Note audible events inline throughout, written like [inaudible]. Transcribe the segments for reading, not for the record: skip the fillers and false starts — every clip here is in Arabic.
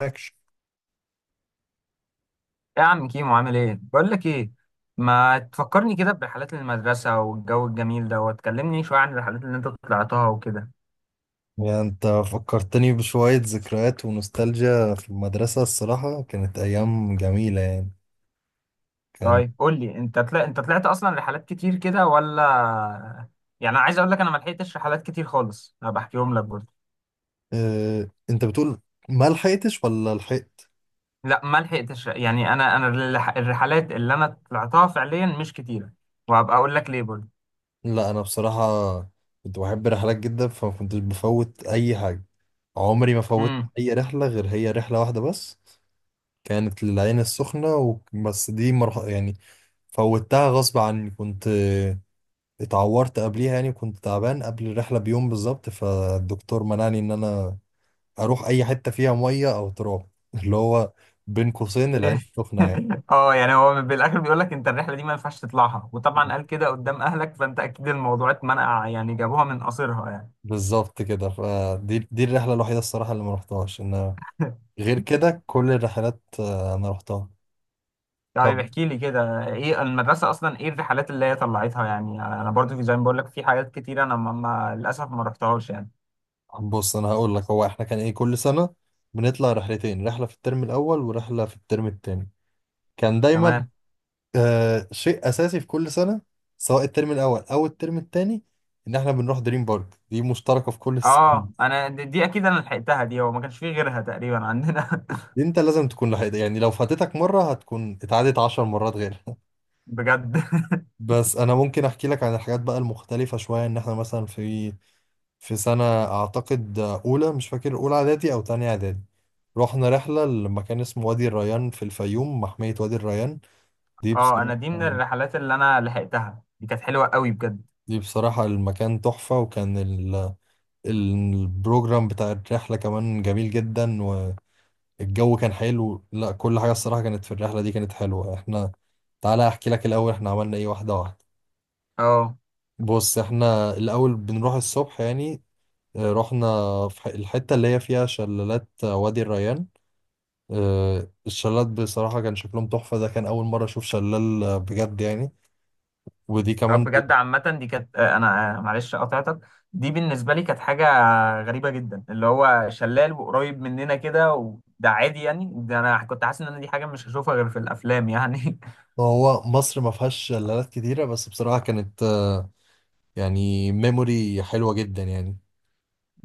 معاكش. ايه يا عم كيمو عامل ايه؟ بقول لك ايه، ما تفكرني كده برحلات المدرسة والجو الجميل ده وتكلمني شوية عن الرحلات اللي انت طلعتها وكده. يعني انت فكرتني بشوية ذكريات ونوستالجيا في المدرسة، الصراحة كانت أيام جميلة يعني. كان طيب قول لي انت انت طلعت اصلا رحلات كتير كده ولا؟ يعني انا عايز اقول لك انا ما لحقتش رحلات كتير خالص، انا بحكيهم لك برضه. اه انت بتقول، ما لحقتش ولا لحقت؟ لا ما لحقتش، يعني انا الرحلات اللي انا طلعتها فعليا مش كتيرة، وهبقى اقول لك ليه برضه. لا أنا بصراحة كنت بحب رحلات جدا فما كنتش بفوت أي حاجة. عمري ما فوت أي رحلة غير هي رحلة واحدة بس، كانت للعين السخنة و... بس دي مرح... يعني فوتها غصب عني. كنت اتعورت قبليها، يعني كنت تعبان قبل الرحلة بيوم بالظبط فالدكتور منعني إن أنا اروح اي حته فيها ميه او تراب [laughs] اللي هو بين قوسين العين سخنه يعني. [laughs] اه يعني هو بالاخر بيقول لك انت الرحله دي ما ينفعش تطلعها، وطبعا قال كده قدام اهلك فانت اكيد الموضوع اتمنع يعني، جابوها من قصرها يعني. بالظبط كده. فدي الرحله الوحيده الصراحه اللي ما رحتهاش. [laughs] غير كده كل الرحلات انا رحتها. طب طيب احكي لي كده ايه المدرسه اصلا، ايه الرحلات اللي هي طلعتها؟ يعني انا برضو زي ما بقول لك في حاجات كتيره انا للاسف ما رحتهاش يعني. بص انا هقول لك، هو احنا كان ايه كل سنه بنطلع رحلتين، رحله في الترم الاول ورحله في الترم التاني. كان دايما تمام. شيء اساسي في كل سنه، سواء الترم الاول او الترم التاني، ان احنا بنروح دريم بارك دي مشتركه في كل اه السنين. انا دي, دي اكيد انا لحقتها، دي هو ما كانش فيه غيرها تقريبا عندنا. دي انت لازم تكون لحقت يعني، لو فاتتك مرة هتكون اتعادت 10 مرات غيرها [laughs] [laughs] بجد. [laughs] بس انا ممكن احكي لك عن الحاجات بقى المختلفة شوية، ان احنا مثلا في سنة اعتقد اولى، مش فاكر اولى اعدادي او تانية اعدادي، رحنا رحلة لمكان اسمه وادي الريان في الفيوم، محمية وادي الريان. دي اه انا بصراحة دي من الرحلات اللي انا لحقتها، دي كانت حلوه قوي بجد. دي بصراحة المكان تحفة، وكان البروجرام بتاع الرحلة كمان جميل جدا، والجو كان حلو، لا كل حاجة الصراحة كانت في الرحلة دي كانت حلوة. احنا تعالى احكي لك الاول احنا عملنا ايه، واحده واحده. اه بص احنا الاول بنروح الصبح يعني، رحنا في الحته اللي هي فيها شلالات، وادي الريان. الشلالات بصراحه كان شكلهم تحفه، ده كان اول مره اشوف شلال بجد يعني. ودي آه، كمان بجد عامة دي كانت آه، أنا آه، معلش قطعتك. دي بالنسبة لي كانت حاجة غريبة جدا، اللي هو شلال وقريب مننا كده وده عادي يعني، ده أنا كنت حاسس إن أنا دي حاجة مش هشوفها غير في الأفلام يعني. هو مصر ما فيهاش شلالات كتيره، بس بصراحه كانت يعني ميموري حلوه جدا يعني.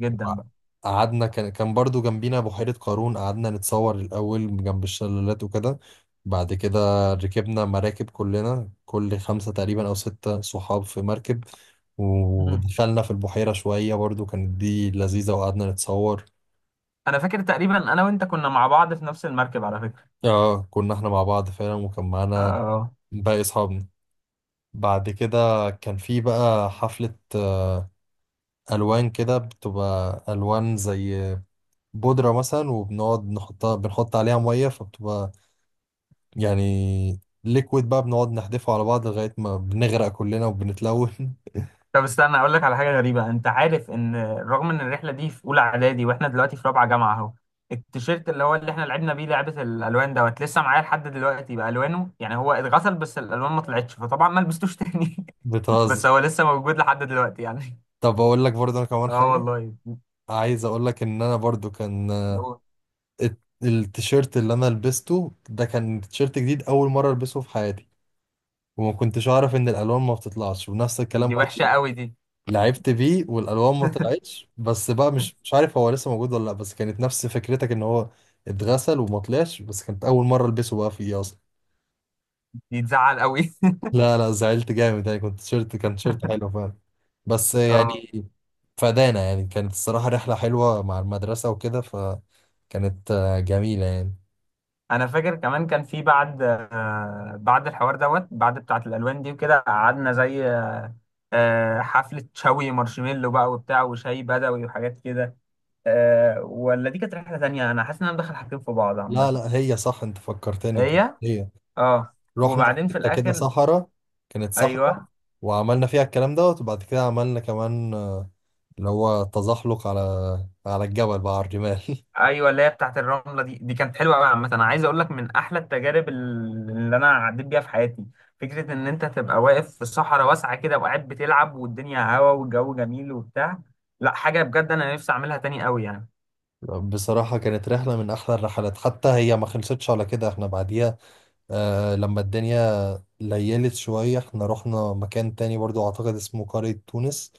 [laughs] جدا بقى. قعدنا، كان برضو جنبينا بحيرة قارون، قعدنا نتصور الأول جنب الشلالات وكده. بعد كده ركبنا مراكب كلنا، كل خمسة تقريبا أو ستة صحاب في مركب، مم. ودخلنا في البحيرة شوية برضو كانت دي لذيذة وقعدنا نتصور. أنا فاكر تقريبا أنا وأنت كنا مع بعض في نفس المركب على فكرة. اه كنا احنا مع بعض فعلا وكان معانا آه. باقي أصحابنا. بعد كده كان في بقى حفلة ألوان كده، بتبقى ألوان زي بودرة مثلا وبنقعد نحطها، بنحط عليها مية فبتبقى يعني ليكويد بقى، بنقعد نحدفه على بعض لغاية ما بنغرق كلنا وبنتلون. طب استنى اقول لك على حاجه غريبه، انت عارف ان رغم ان الرحله دي في اولى اعدادي واحنا دلوقتي في رابعه جامعه اهو، التيشيرت اللي هو اللي احنا لعبنا بيه لعبه الالوان دوت لسه معايا لحد دلوقتي بالوانه، يعني هو اتغسل بس الالوان ما طلعتش فطبعا ما لبستوش تاني. [laughs] [laughs] بتهزر. بس هو لسه موجود لحد دلوقتي يعني. طب اقول لك برضه انا كمان اه حاجة والله. عايز اقول لك، ان انا برضه كان التيشيرت اللي انا لبسته ده كان تيشيرت جديد اول مرة البسه في حياتي، وما كنتش اعرف ان الالوان ما بتطلعش ونفس الكلام دي وحشه برضه قوي دي. لعبت بيه والالوان ما طلعتش. بس بقى مش عارف هو لسه موجود ولا لا، بس كانت نفس فكرتك ان هو اتغسل وما طلعش، بس كانت اول مرة البسه بقى فيه اصلا. دي تزعل قوي. لا لا زعلت جامد يعني، كنت تيشيرت كان تيشيرت حلو فعلا، بس [laughs] اه. يعني فدانا يعني كانت الصراحة رحلة حلوة مع المدرسة وكده، فكانت جميلة يعني. انا فاكر كمان كان في بعد آه، بعد الحوار دوت بعد بتاعه الالوان دي وكده قعدنا زي آه، حفلة شوي مارشميلو بقى وبتاع وشاي بدوي وحاجات كده آه، ولا دي كانت رحلة تانية؟ أنا حاسس إن أنا مدخل حاجتين في بعض لا عامة. لا هي صح، انت فكرتني، كانت هي. هي أه. رحنا في وبعدين في حتة كده الآخر. صحراء. كانت صحراء أيوه. وعملنا فيها الكلام دوت، وبعد كده عملنا كمان، اللي هو تزحلق على الجبل بقى على الرمال [laughs] أيوه اللي هي بتاعت الرملة دي، دي كانت حلوة أوي عامة، أنا عايز أقول لك من أحلى التجارب اللي أنا عديت بيها في حياتي. فكرة إن أنت تبقى واقف في صحراء واسعة كده وقاعد بتلعب والدنيا هوا والجو جميل وبتاع، لا حاجة بجد أنا نفسي أعملها تاني أوي يعني. بصراحة كانت رحلة من أحلى الرحلات، حتى هي ما خلصتش على كده احنا بعديها لما الدنيا ليلت شوية احنا رحنا مكان تاني برضو، أعتقد اسمه قرية تونس،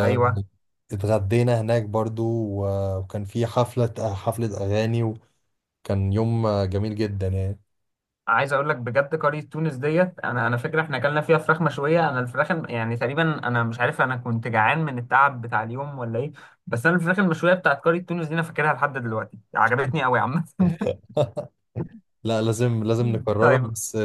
أيوه. هناك برضو وكان في حفلة أغاني وكان يوم جميل جدا يعني. عايز اقول لك بجد قرية تونس ديت، انا فاكر احنا اكلنا فيها فراخ مشوية، انا الفراخ يعني تقريبا انا مش عارف انا كنت جعان من التعب بتاع اليوم ولا ايه، بس انا الفراخ المشوية بتاعت قرية تونس دي انا فاكرها لحد دلوقتي، عجبتني قوي عامة. [laughs] [laughs] لا لازم لازم نكررها، طيب. بس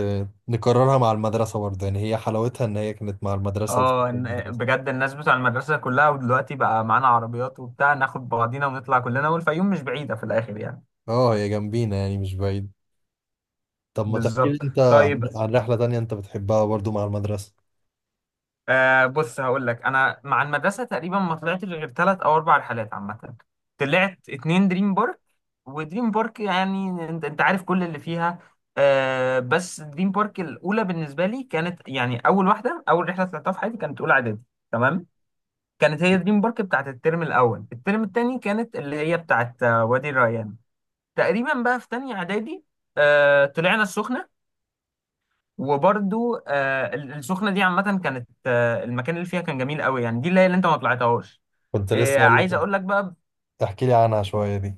نكررها مع المدرسة برضه يعني، هي حلاوتها إن هي كانت مع المدرسة وصحاب اه المدرسة. بجد الناس بتوع المدرسة كلها، ودلوقتي بقى معانا عربيات وبتاع ناخد بعضينا ونطلع كلنا، والفيوم مش بعيدة في الاخر يعني. اه هي جنبينا يعني مش بعيد. طب ما تحكي لي بالظبط أنت عن طيب. رحلة تانية أنت بتحبها برضه مع المدرسة. آه بص هقول لك انا مع المدرسه تقريبا ما طلعتش غير 3 او 4 رحلات عامه. طلعت اتنين دريم بارك، ودريم بارك يعني انت انت عارف كل اللي فيها. آه بس دريم بارك الاولى بالنسبه لي كانت يعني اول واحده، اول رحله طلعتها في حياتي كانت اولى اعدادي. تمام. كانت هي دريم بارك بتاعت الترم الاول. الترم الثاني كانت اللي هي بتاعت آه، وادي الريان. تقريبا بقى في تانية اعدادي آه طلعنا السخنه، وبرضو آه، السخنه دي عامه كانت آه، المكان اللي فيها كان جميل قوي يعني، دي اللي هي اللي انت ما طلعتهاش. كنت آه، لسه أقول عايز لك. اقول لك بقى احكي لي عنها شوية دي.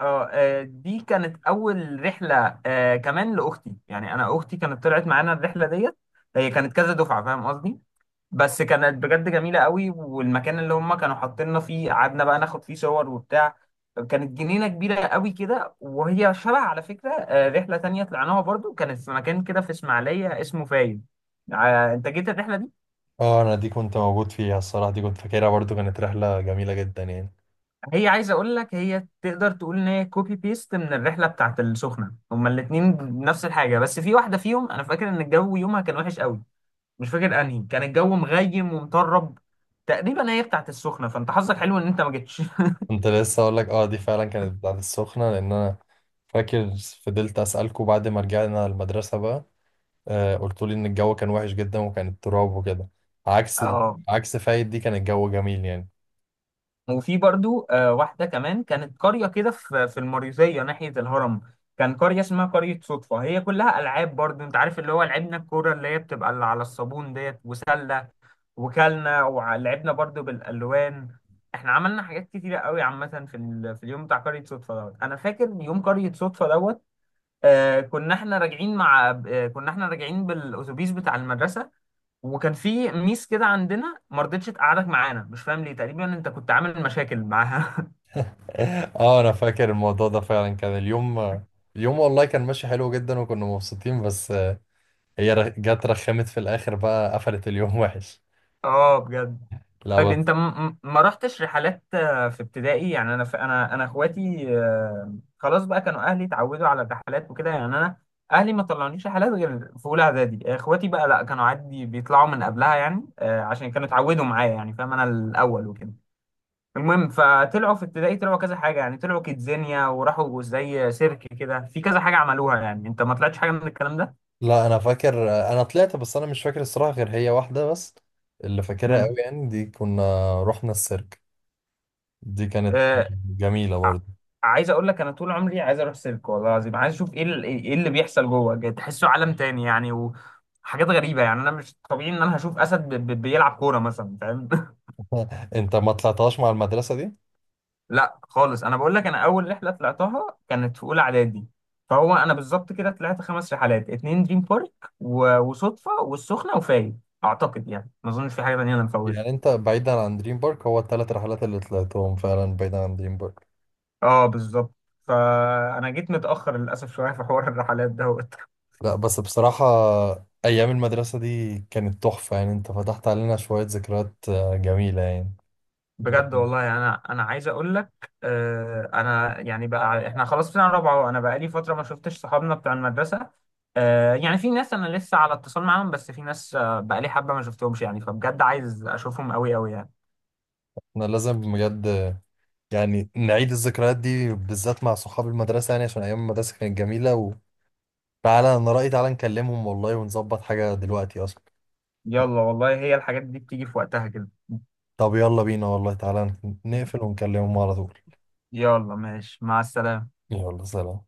اه آه، دي كانت اول رحله آه، كمان لاختي، يعني انا اختي كانت طلعت معانا الرحله ديت. هي كانت كذا دفعه فاهم قصدي. بس كانت بجد جميلة قوي، والمكان اللي هم كانوا حاطيننا فيه قعدنا بقى ناخد فيه صور وبتاع، كانت جنينة كبيرة قوي كده، وهي شبه على فكرة آه، رحلة تانية طلعناها برضو كانت في مكان كده في اسماعيلية اسمه فايد. آه، انت جيت الرحلة دي. اه انا دي كنت موجود فيها الصراحه، دي كنت فاكرها برضو كانت رحله جميله جدا يعني. هي عايز اقول لك هي تقدر تقول ان هي كوبي بيست من الرحلة بتاعت السخنة، هما الاتنين نفس الحاجة، بس في واحدة فيهم انا فاكر ان الجو يومها كان وحش قوي، مش فاكر انهي، كان الجو مغيم ومطرب تقريبا هي بتاعت السخنة، فانت حظك حلو ان انت ما جيتش. [laughs] كنت لسه اقول لك، اه دي فعلا كانت بتاعت السخنه، لان انا فاكر فضلت اسالكوا بعد ما رجعنا المدرسه بقى، قلت لي ان الجو كان وحش جدا وكان التراب وكده، عكس اه. فايد دي كان الجو جميل يعني. وفي برضو آه، واحدة كمان كانت قرية كده في المريوزية ناحية الهرم، كان قرية اسمها قرية صدفة، هي كلها ألعاب برضو، انت عارف اللي هو لعبنا الكورة اللي هي بتبقى اللي على الصابون ديت، وسلة وكلنا، ولعبنا برضو بالألوان، احنا عملنا حاجات كتيرة قوي عامة في اليوم بتاع قرية صدفة دوت. انا فاكر يوم قرية صدفة دوت، آه كنا احنا راجعين مع آه كنا احنا راجعين بالأتوبيس بتاع المدرسة، وكان في ميس كده عندنا ما رضتش تقعدك معانا مش فاهم ليه، تقريبا انت كنت عامل مشاكل معاها. [laughs] اه انا فاكر الموضوع ده فعلا، كان اليوم اليوم والله كان ماشي حلو جدا وكنا مبسوطين، بس هي جت رخمت في الاخر بقى قفلت اليوم [laughs] وحش. [laughs] اه بجد. لا طيب بس. انت ما رحتش رحلات آه، في ابتدائي؟ يعني انا انا اخواتي آه، خلاص بقى كانوا اهلي اتعودوا على الرحلات وكده، يعني انا اهلي ما طلعونيش رحلات غير في اولى اعدادي، اخواتي بقى لا كانوا عادي بيطلعوا من قبلها يعني آه، عشان كانوا اتعودوا معايا يعني فاهم، انا الاول وكده المهم، فطلعوا في ابتدائي طلعوا كذا حاجه، يعني طلعوا كيدزينيا وراحوا زي سيرك كده، في كذا حاجه عملوها يعني. انت ما طلعتش حاجه من الكلام ده؟ لا انا فاكر انا طلعت بس انا مش فاكر الصراحه غير هي واحده بس، اللي فاكرها قوي امم يعني، دي كنا رحنا السيرك. دي كانت آه جميله ع- برضه. عايز اقول لك انا طول عمري عايز اروح سيرك والله العظيم، عايز اشوف ايه ايه اللي بيحصل جوه، جاي تحسه عالم تاني يعني، وحاجات غريبه يعني، انا مش طبيعي ان انا هشوف اسد بيلعب كوره مثلا فاهم. [laughs] [laughs] انت ما طلعتهاش مع المدرسه دي؟ لا خالص انا بقول لك انا اول رحله طلعتها كانت في اولى اعدادي، فهو انا بالظبط كده طلعت 5 رحلات، اتنين دريم بارك و... وصدفه والسخنه وفايد اعتقد يعني، ما اظنش في حاجه تانيه انا مفوتها. يعني انت بعيدا عن دريم بارك هو الثلاث رحلات اللي طلعتهم فعلا بعيدا عن دريم بارك. اه بالظبط. فانا جيت متاخر للاسف شويه في حوار الرحلات ده. لا بس بصراحه ايام المدرسه دي كانت تحفه، يعني انت فتحت علينا شويه ذكريات جميله يعني. بجد والله، يعني انا عايز اقول لك آه انا يعني بقى احنا خلاص في سنه رابعه، وانا بقى لي فتره ما شفتش صحابنا بتاع المدرسه، آه يعني في ناس انا لسه على اتصال معاهم بس في ناس آه بقى لي حبه ما شفتهمش يعني، فبجد عايز اشوفهم قوي قوي يعني. احنا لازم بجد يعني نعيد الذكريات دي بالذات مع صحاب المدرسة، يعني عشان أيام المدرسة كانت جميلة. تعالى انا رأيي، تعالى نكلمهم والله ونظبط حاجة دلوقتي اصلا. يلا والله هي الحاجات دي بتيجي في وقتها كده. طب يلا بينا والله، تعالى نقفل ونكلمهم على طول. يلا ماشي مع السلامه. يلا سلام.